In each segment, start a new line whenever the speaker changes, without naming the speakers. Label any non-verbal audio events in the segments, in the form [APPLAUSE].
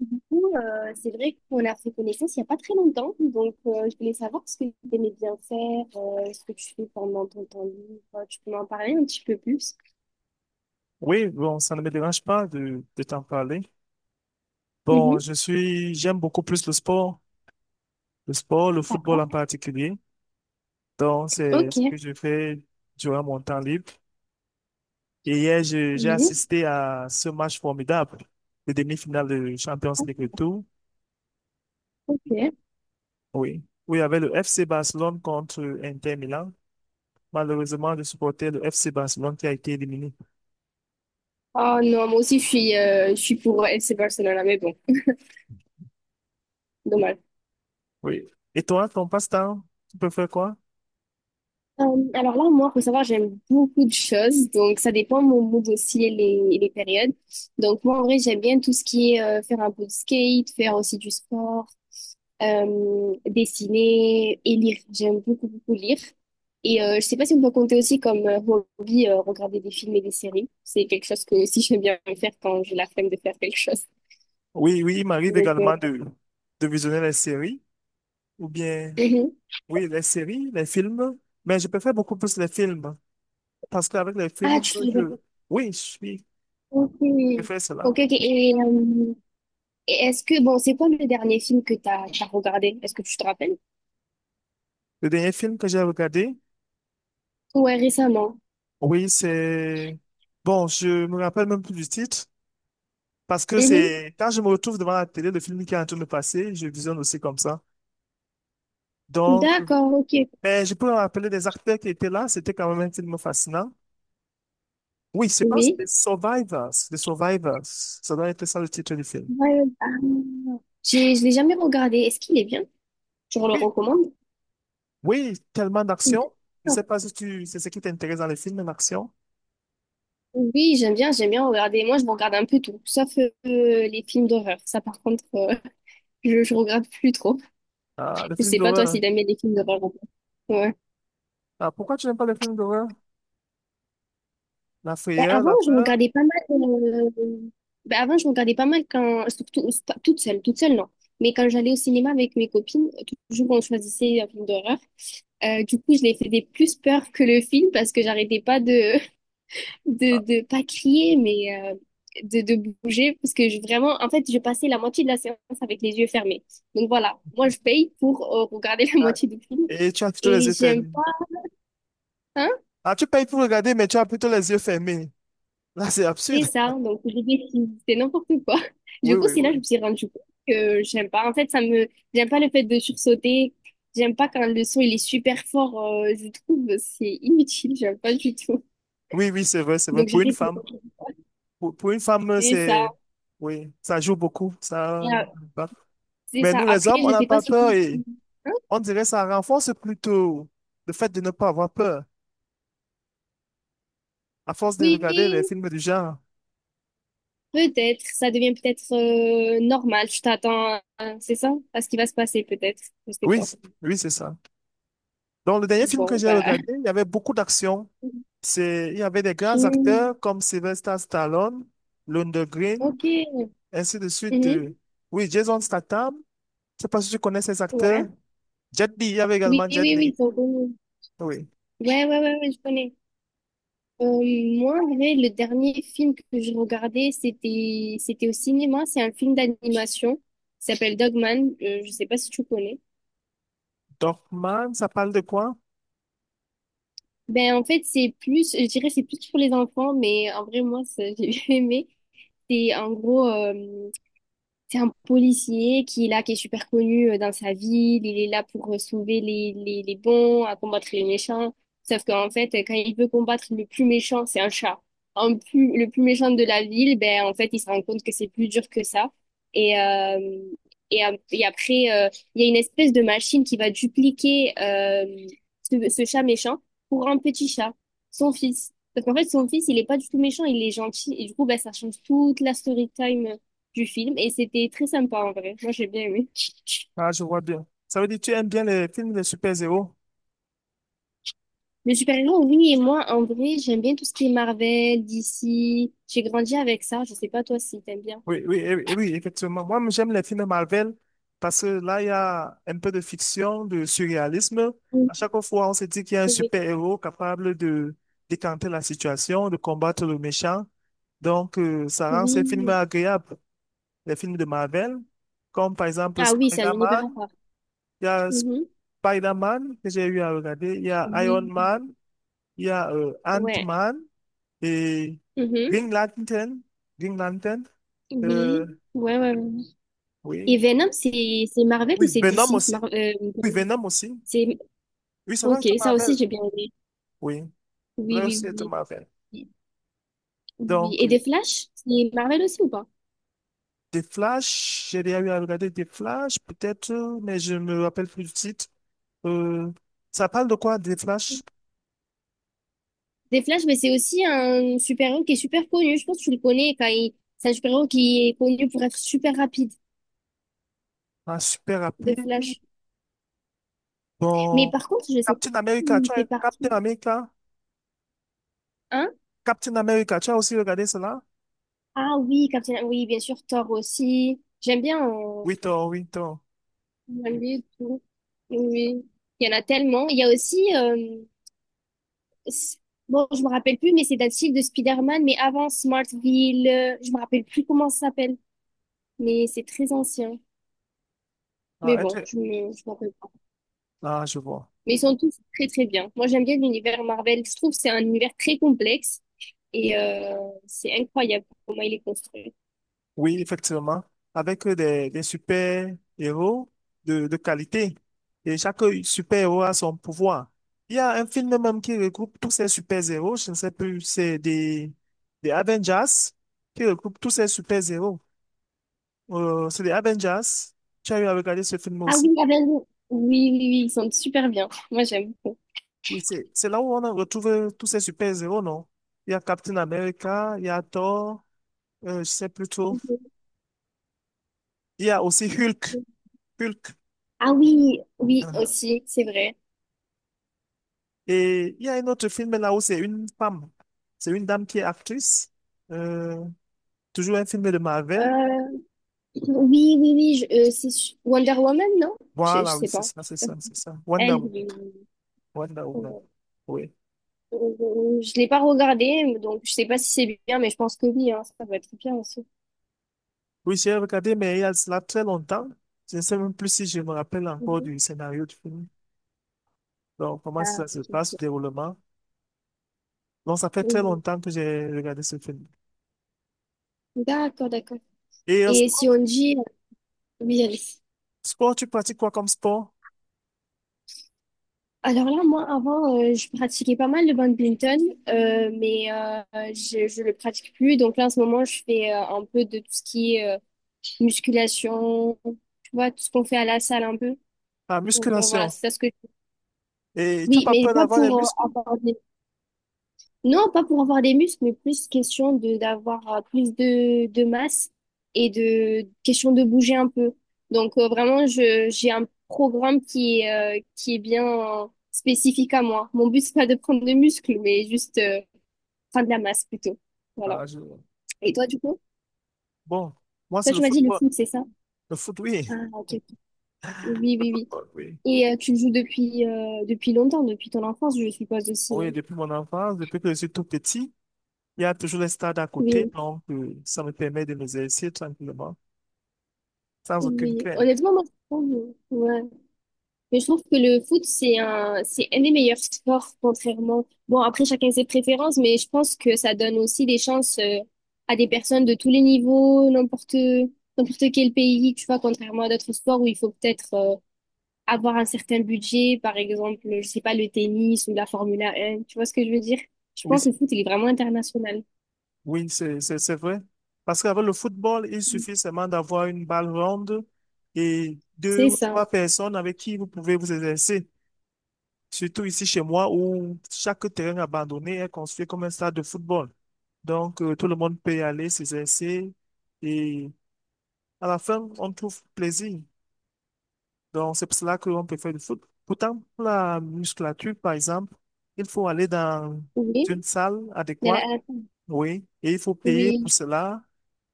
C'est vrai qu'on a fait connaissance il n'y a pas très longtemps. Je voulais savoir ce que tu aimais bien faire, ce que tu fais pendant ton temps libre. Tu peux m'en parler un petit peu plus?
Oui, bon, ça ne me dérange pas de t'en parler. Bon,
Mhm,
j'aime beaucoup plus le sport, le sport, le football en
d'accord.
particulier. Donc, c'est
Ok,
ce que je fais durant mon temps libre. Et hier, j'ai
Julie,
assisté à ce match formidable, le demi-finale de Champions League Retour.
ok.
Oui, oui il y avait le FC Barcelone contre Inter Milan. Malheureusement, je supportais le FC Barcelone qui a été éliminé.
Oh non, moi aussi je suis pour FC Barcelona, mais bon, dommage.
Oui. Et toi, ton passe-temps, tu peux faire quoi?
Alors là, moi, faut savoir, j'aime beaucoup de choses, donc ça dépend de mon mood aussi et et les périodes. Donc moi, en vrai, j'aime bien tout ce qui est faire un peu de skate, faire aussi du sport, dessiner et lire. J'aime beaucoup, beaucoup lire. Et je sais pas si on peut compter aussi comme hobby, regarder des films et des séries. C'est quelque chose que aussi j'aime bien faire quand j'ai la flemme de faire quelque chose.
Oui, oui, il m'arrive
Donc, euh,
également de visionner les séries, ou bien,
mhm.
oui, les séries, les films, mais je préfère beaucoup plus les films, parce qu'avec les
Ah,
films,
tu fais...
je, oui, je
Ok,
préfère cela.
ok, ok. Et est-ce que, bon, c'est quoi le dernier film que t'as regardé? Est-ce que tu te rappelles?
Le dernier film que j'ai regardé,
Ouais, récemment.
oui, bon, je me rappelle même plus du titre, parce que
Mhm.
c'est, quand je me retrouve devant la télé, le film qui est en train de passer, je visionne aussi comme ça. Donc,
D'accord, ok.
mais je peux me rappeler des acteurs qui étaient là, c'était quand même un film fascinant. Oui, je pense
Oui.
que c'est Survivors. The Survivors. Ça doit être ça le titre du film.
Ouais, ah. Je l'ai jamais regardé. Est-ce qu'il est bien? Tu le
Oui,
recommandes?
oui, tellement
D'accord.
d'action. Je ne sais pas si tu, c'est ce qui t'intéresse dans les films d'action.
Oui, j'aime bien regarder. Moi, je regarde un peu tout, sauf les films d'horreur. Ça, par contre, [LAUGHS] je regarde plus trop.
Ah, les
Je
films
sais pas toi
d'horreur.
si t'aimes bien les films d'horreur ou pas. Ouais.
Ah, pourquoi tu n'aimes pas les films d'horreur? La
Ben,
frayeur,
avant,
la
je
peur.
regardais pas mal. Ben, avant, je regardais pas mal quand, surtout pas- toute seule non. Mais quand j'allais au cinéma avec mes copines, toujours on choisissait un film d'horreur. Du coup, je les faisais plus peur que le film parce que j'arrêtais pas de de
Ah,
de pas crier mais de bouger parce que je, vraiment en fait je passais la moitié de la séance avec les yeux fermés, donc voilà, moi je paye pour regarder [LAUGHS] la
ah,
moitié du film
et tu as plutôt les
et
yeux
j'aime
fermés.
pas, hein,
Ah, tu payes pour regarder, mais tu as plutôt les yeux fermés. Là, c'est
c'est
absurde.
ça. Donc j'ai décidé c'était n'importe quoi. [LAUGHS]
Oui,
Du coup
oui,
c'est là
oui.
que je me suis rendu compte que j'aime pas, en fait ça me, j'aime pas le fait de sursauter, j'aime pas quand le son il est super fort, je trouve c'est inutile, j'aime pas du tout.
Oui, oui, c'est vrai, c'est vrai.
donc
Pour une
j'arrête de-
femme, pour une femme,
c'est ça.
c'est, oui, ça joue beaucoup.
Et,
Ça, bah,
c'est
mais
ça.
nous, les
Après
hommes, on
je
n'a
sais pas
pas
si...
peur et
Hein.
on dirait ça renforce plutôt le fait de ne pas avoir peur, à force de regarder les
Oui.
films du genre.
Peut-être, ça devient peut-être normal. C'est ça, à ce qui va se passer peut-être. Je sais
Oui,
pas.
oui, c'est ça. Donc, le dernier film que
Bon,
j'ai
bah.
regardé, il y avait beaucoup d'action.
[LAUGHS]
C'est, il y avait des grands
Hmm,
acteurs comme Sylvester Stallone, London Green,
ok.
ainsi de suite.
Mhm,
Oui, Jason Statham. Je sais pas si tu connais ces acteurs.
ouais.
Jet Li, il y avait
Oui,
également
oui,
Jet
oui.
Li.
Ils sont...
Oui.
Ouais, ouais, ouais, ouais, je connais. Euh, Moi, en vrai, le dernier film que je regardais, c'était au cinéma. C'est un film d'animation. Il s'appelle Dogman. Je sais pas si tu connais.
Dorfman, ça parle de quoi?
Ben, en fait, c'est plus, je dirais, c'est plus pour les enfants, mais en vrai, moi, ça, [LAUGHS] j'ai bien aimé. C'est en gros. C'est un policier qui est là, qui est super connu dans sa ville. Il est là pour sauver les bons, à combattre les méchants. Sauf qu'en fait, quand il veut combattre le plus méchant, c'est un chat. Le plus méchant de la ville, ben, en fait, il se rend compte que c'est plus dur que ça. Et, et après, il y a une espèce de machine qui va dupliquer ce chat méchant, pour un petit chat, son fils. Sauf qu'en fait, son fils, il est pas du tout méchant, il est gentil. Et du coup, ben, ça change toute la story time du film, et c'était très sympa en vrai. Moi, j'ai bien aimé.
Ah, je vois bien. Ça veut dire que tu aimes bien les films de super-héros.
Le super-héros, oui, et moi, en vrai, j'aime bien tout ce qui est Marvel, DC. J'ai grandi avec ça. Je sais pas toi si t'aimes bien.
Oui, oui, oui, eh oui, effectivement. Moi, j'aime les films de Marvel parce que là, il y a un peu de fiction, de surréalisme. À
Oui,
chaque fois, on se dit qu'il y a un
oui,
super-héros capable de décanter la situation, de combattre le méchant. Donc, ça rend ces films
oui.
agréables. Les films de Marvel, comme par exemple
Ah oui, c'est un univers à
Spider-Man,
part.
il y a
Mhm.
Spider-Man que j'ai eu à regarder, il y a Iron
Oui.
Man, il y a
Ouais.
Ant-Man et
Mhm.
Green Lantern. Green Lantern. Euh,
Oui. Ouais, ouais, ouais. Et
oui,
Venom, c'est Marvel ou
oui,
c'est
Venom
DC?
aussi. Oui, Venom aussi.
C'est...
Oui, ça doit
Ok,
être
ça aussi
Marvel.
j'ai bien aimé.
Oui, ça
Oui,
doit aussi
oui,
être
oui,
Marvel.
oui. Oui.
Donc,
Et des Flash, c'est Marvel aussi ou pas?
des Flash, j'ai déjà eu à regarder des Flash, peut-être, mais je me rappelle plus du titre. Euh, ça parle de quoi, des Flash?
Des Flash, mais c'est aussi un super-héros qui est super connu. Je pense que tu le connais quand il... C'est un super-héros qui est connu pour être super rapide,
Ah, super
de
rapide.
Flash. Mais
Bon,
par contre, je sais pas
Captain America,
s'il
tu
fait
as Captain
partie.
America?
Hein?
Captain America, tu as aussi regardé cela?
Ah oui, Captain. Oui, bien sûr, Thor aussi. J'aime bien en
Oui, toi, oui, toi.
et tout. Oui, il y en a tellement. Il y a aussi, s- bon, je me rappelle plus, mais c'est d'un style de Spider-Man, mais avant Smartville, je me rappelle plus comment ça s'appelle, mais c'est très ancien. Mais
Ah, est-ce,
bon, je me rappelle.
ah, je vois.
Mais ils sont tous très très bien. Moi j'aime bien l'univers Marvel. Je trouve que c'est un univers très complexe, et c'est incroyable comment il est construit.
Oui, effectivement. Avec des super-héros de qualité. Et chaque super-héros a son pouvoir. Il y a un film même qui regroupe tous ces super-héros. Je ne sais plus, des Avengers qui regroupe tous ces super-héros. C'est des Avengers. Tu as eu à regarder ce film
Ah
aussi.
oui, Avengers. Oui, oui, oui, ils sont super bien. Moi j'aime beaucoup.
Oui, c'est là où on a retrouvé tous ces super-héros, non? Il y a Captain America, il y a Thor, je sais plus trop. Il y a aussi Hulk. Hulk.
Ah oui, oui
[LAUGHS]
aussi, c'est vrai.
Et il y a un autre film là où c'est une femme, c'est une dame qui est actrice, euh, toujours un film de Marvel.
Euh, oui, oui, oui, Wonder Woman, non? Je
Voilà, oui,
sais
c'est
pas.
ça, c'est ça, c'est ça. Wonder
Elle,
Woman, Wonder Woman. Oui.
je l'ai pas regardée, donc je sais pas si c'est bien, mais je pense que oui, hein, ça va être bien aussi.
Oui, j'ai regardé, mais il y a cela très longtemps. Je ne sais même plus si je me rappelle encore
Mhm.
du scénario du film. Donc, comment
Ah,
ça se
ok.
passe, le
Ok.
déroulement. Donc, ça fait très
Mhm.
longtemps que j'ai regardé ce film.
D'accord, d'accord.
Et en
Et
sport,
si on dit, oui,
sport, tu pratiques quoi comme sport?
alors là, moi, avant, je pratiquais pas mal le badminton, mais je le pratique plus. Donc là, en ce moment, je fais un peu de tout ce qui est musculation, tu vois, tout ce qu'on fait à la salle un peu.
La
Voilà,
musculation.
c'est ça ce que...
Et tu n'as
Oui,
pas
mais
peur
pas
d'avoir des
pour
muscles?
avoir des... Non, pas pour avoir des muscles, mais plus question de d'avoir plus de masse et de question de bouger un peu. Vraiment, je j'ai un programme qui est bien spécifique à moi. Mon but, c'est pas de prendre des muscles, mais juste prendre de la masse plutôt. Voilà.
Ah, je-
Et toi, du coup?
Bon, moi,
Toi,
c'est le
tu m'as dit le
football.
foot, c'est ça?
Le foot, oui.
Ah, ok. Ok. Oui,
Le
oui,
football, oui.
oui. Et tu le joues depuis depuis longtemps, depuis ton enfance, je suppose aussi,
Oui,
non?
depuis mon enfance, depuis que je suis tout petit, il y a toujours les stades à côté,
Oui,
donc ça me permet de m'exercer tranquillement, sans aucune
oui.
crainte.
Honnêtement, moi, je trouve, ouais. Mais je trouve que le foot, c'est un des meilleurs sports, contrairement. Bon, après, chacun ses préférences, mais je pense que ça donne aussi des chances à des personnes de tous les niveaux, n'importe quel pays, tu vois, contrairement à d'autres sports où il faut peut-être avoir un certain budget, par exemple, je sais pas, le tennis ou la Formule 1, tu vois ce que je veux dire? Je
Oui,
pense que le foot, il est vraiment international.
oui, c'est vrai. Parce qu'avec le football, il suffit seulement d'avoir une balle ronde et deux
C'est
ou
ça.
trois personnes avec qui vous pouvez vous exercer. Surtout ici chez moi, où chaque terrain abandonné est construit comme un stade de football. Donc, tout le monde peut y aller s'exercer et à la fin, on trouve plaisir. Donc, c'est pour cela qu'on peut faire du foot. Pourtant, pour la musculature, par exemple, il faut aller dans
Oui.
une salle
De
adéquate,
la-
oui, et il faut payer pour
Oui.
cela.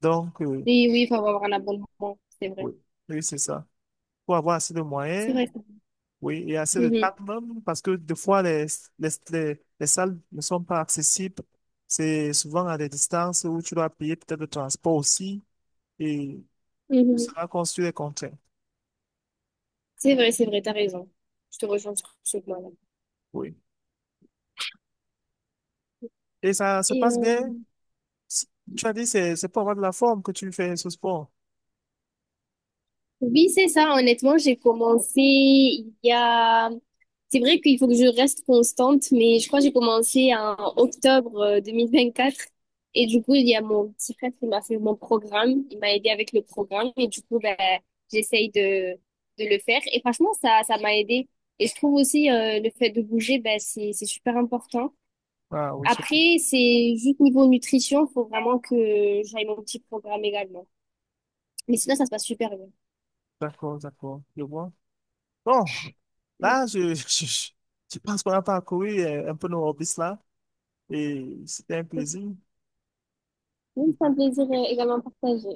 Donc,
Oui, oui, il faut avoir un abonnement, c'est vrai.
oui, oui, c'est ça. Pour avoir assez de
C'est
moyens,
vrai ça.
oui, et assez de
Mhm.
temps même, parce que des fois, les salles ne sont pas accessibles. C'est souvent à des distances où tu dois payer peut-être le transport aussi, et
Mhm.
ça construit des contraintes.
C'est vrai, t'as raison. Je te rejoins sur ce point-là.
Oui. Et ça se
Et
passe bien c- tu as dit c'est pour avoir de la forme que tu fais ce sport.
oui, c'est ça. Honnêtement, j'ai commencé il y a... C'est vrai qu'il faut que je reste constante, mais je crois que j'ai commencé en octobre 2024. Et du coup, il y a mon petit frère qui m'a fait mon programme. Il m'a aidé avec le programme. Et du coup, ben, j'essaye de le faire. Et franchement, ça m'a aidé. Et je trouve aussi le fait de bouger, ben, c'est super important.
Ah oui, je...
Après, c'est juste niveau nutrition, faut vraiment que j'aille mon petit programme également. Mais sinon, ça se passe super bien.
D'accord, d'accord, je vois. Bon, là, je, [LAUGHS] je pense qu'on a parcouru un peu nos hobbies là et c'était un plaisir.
Oui, ça me plaisir également partagé.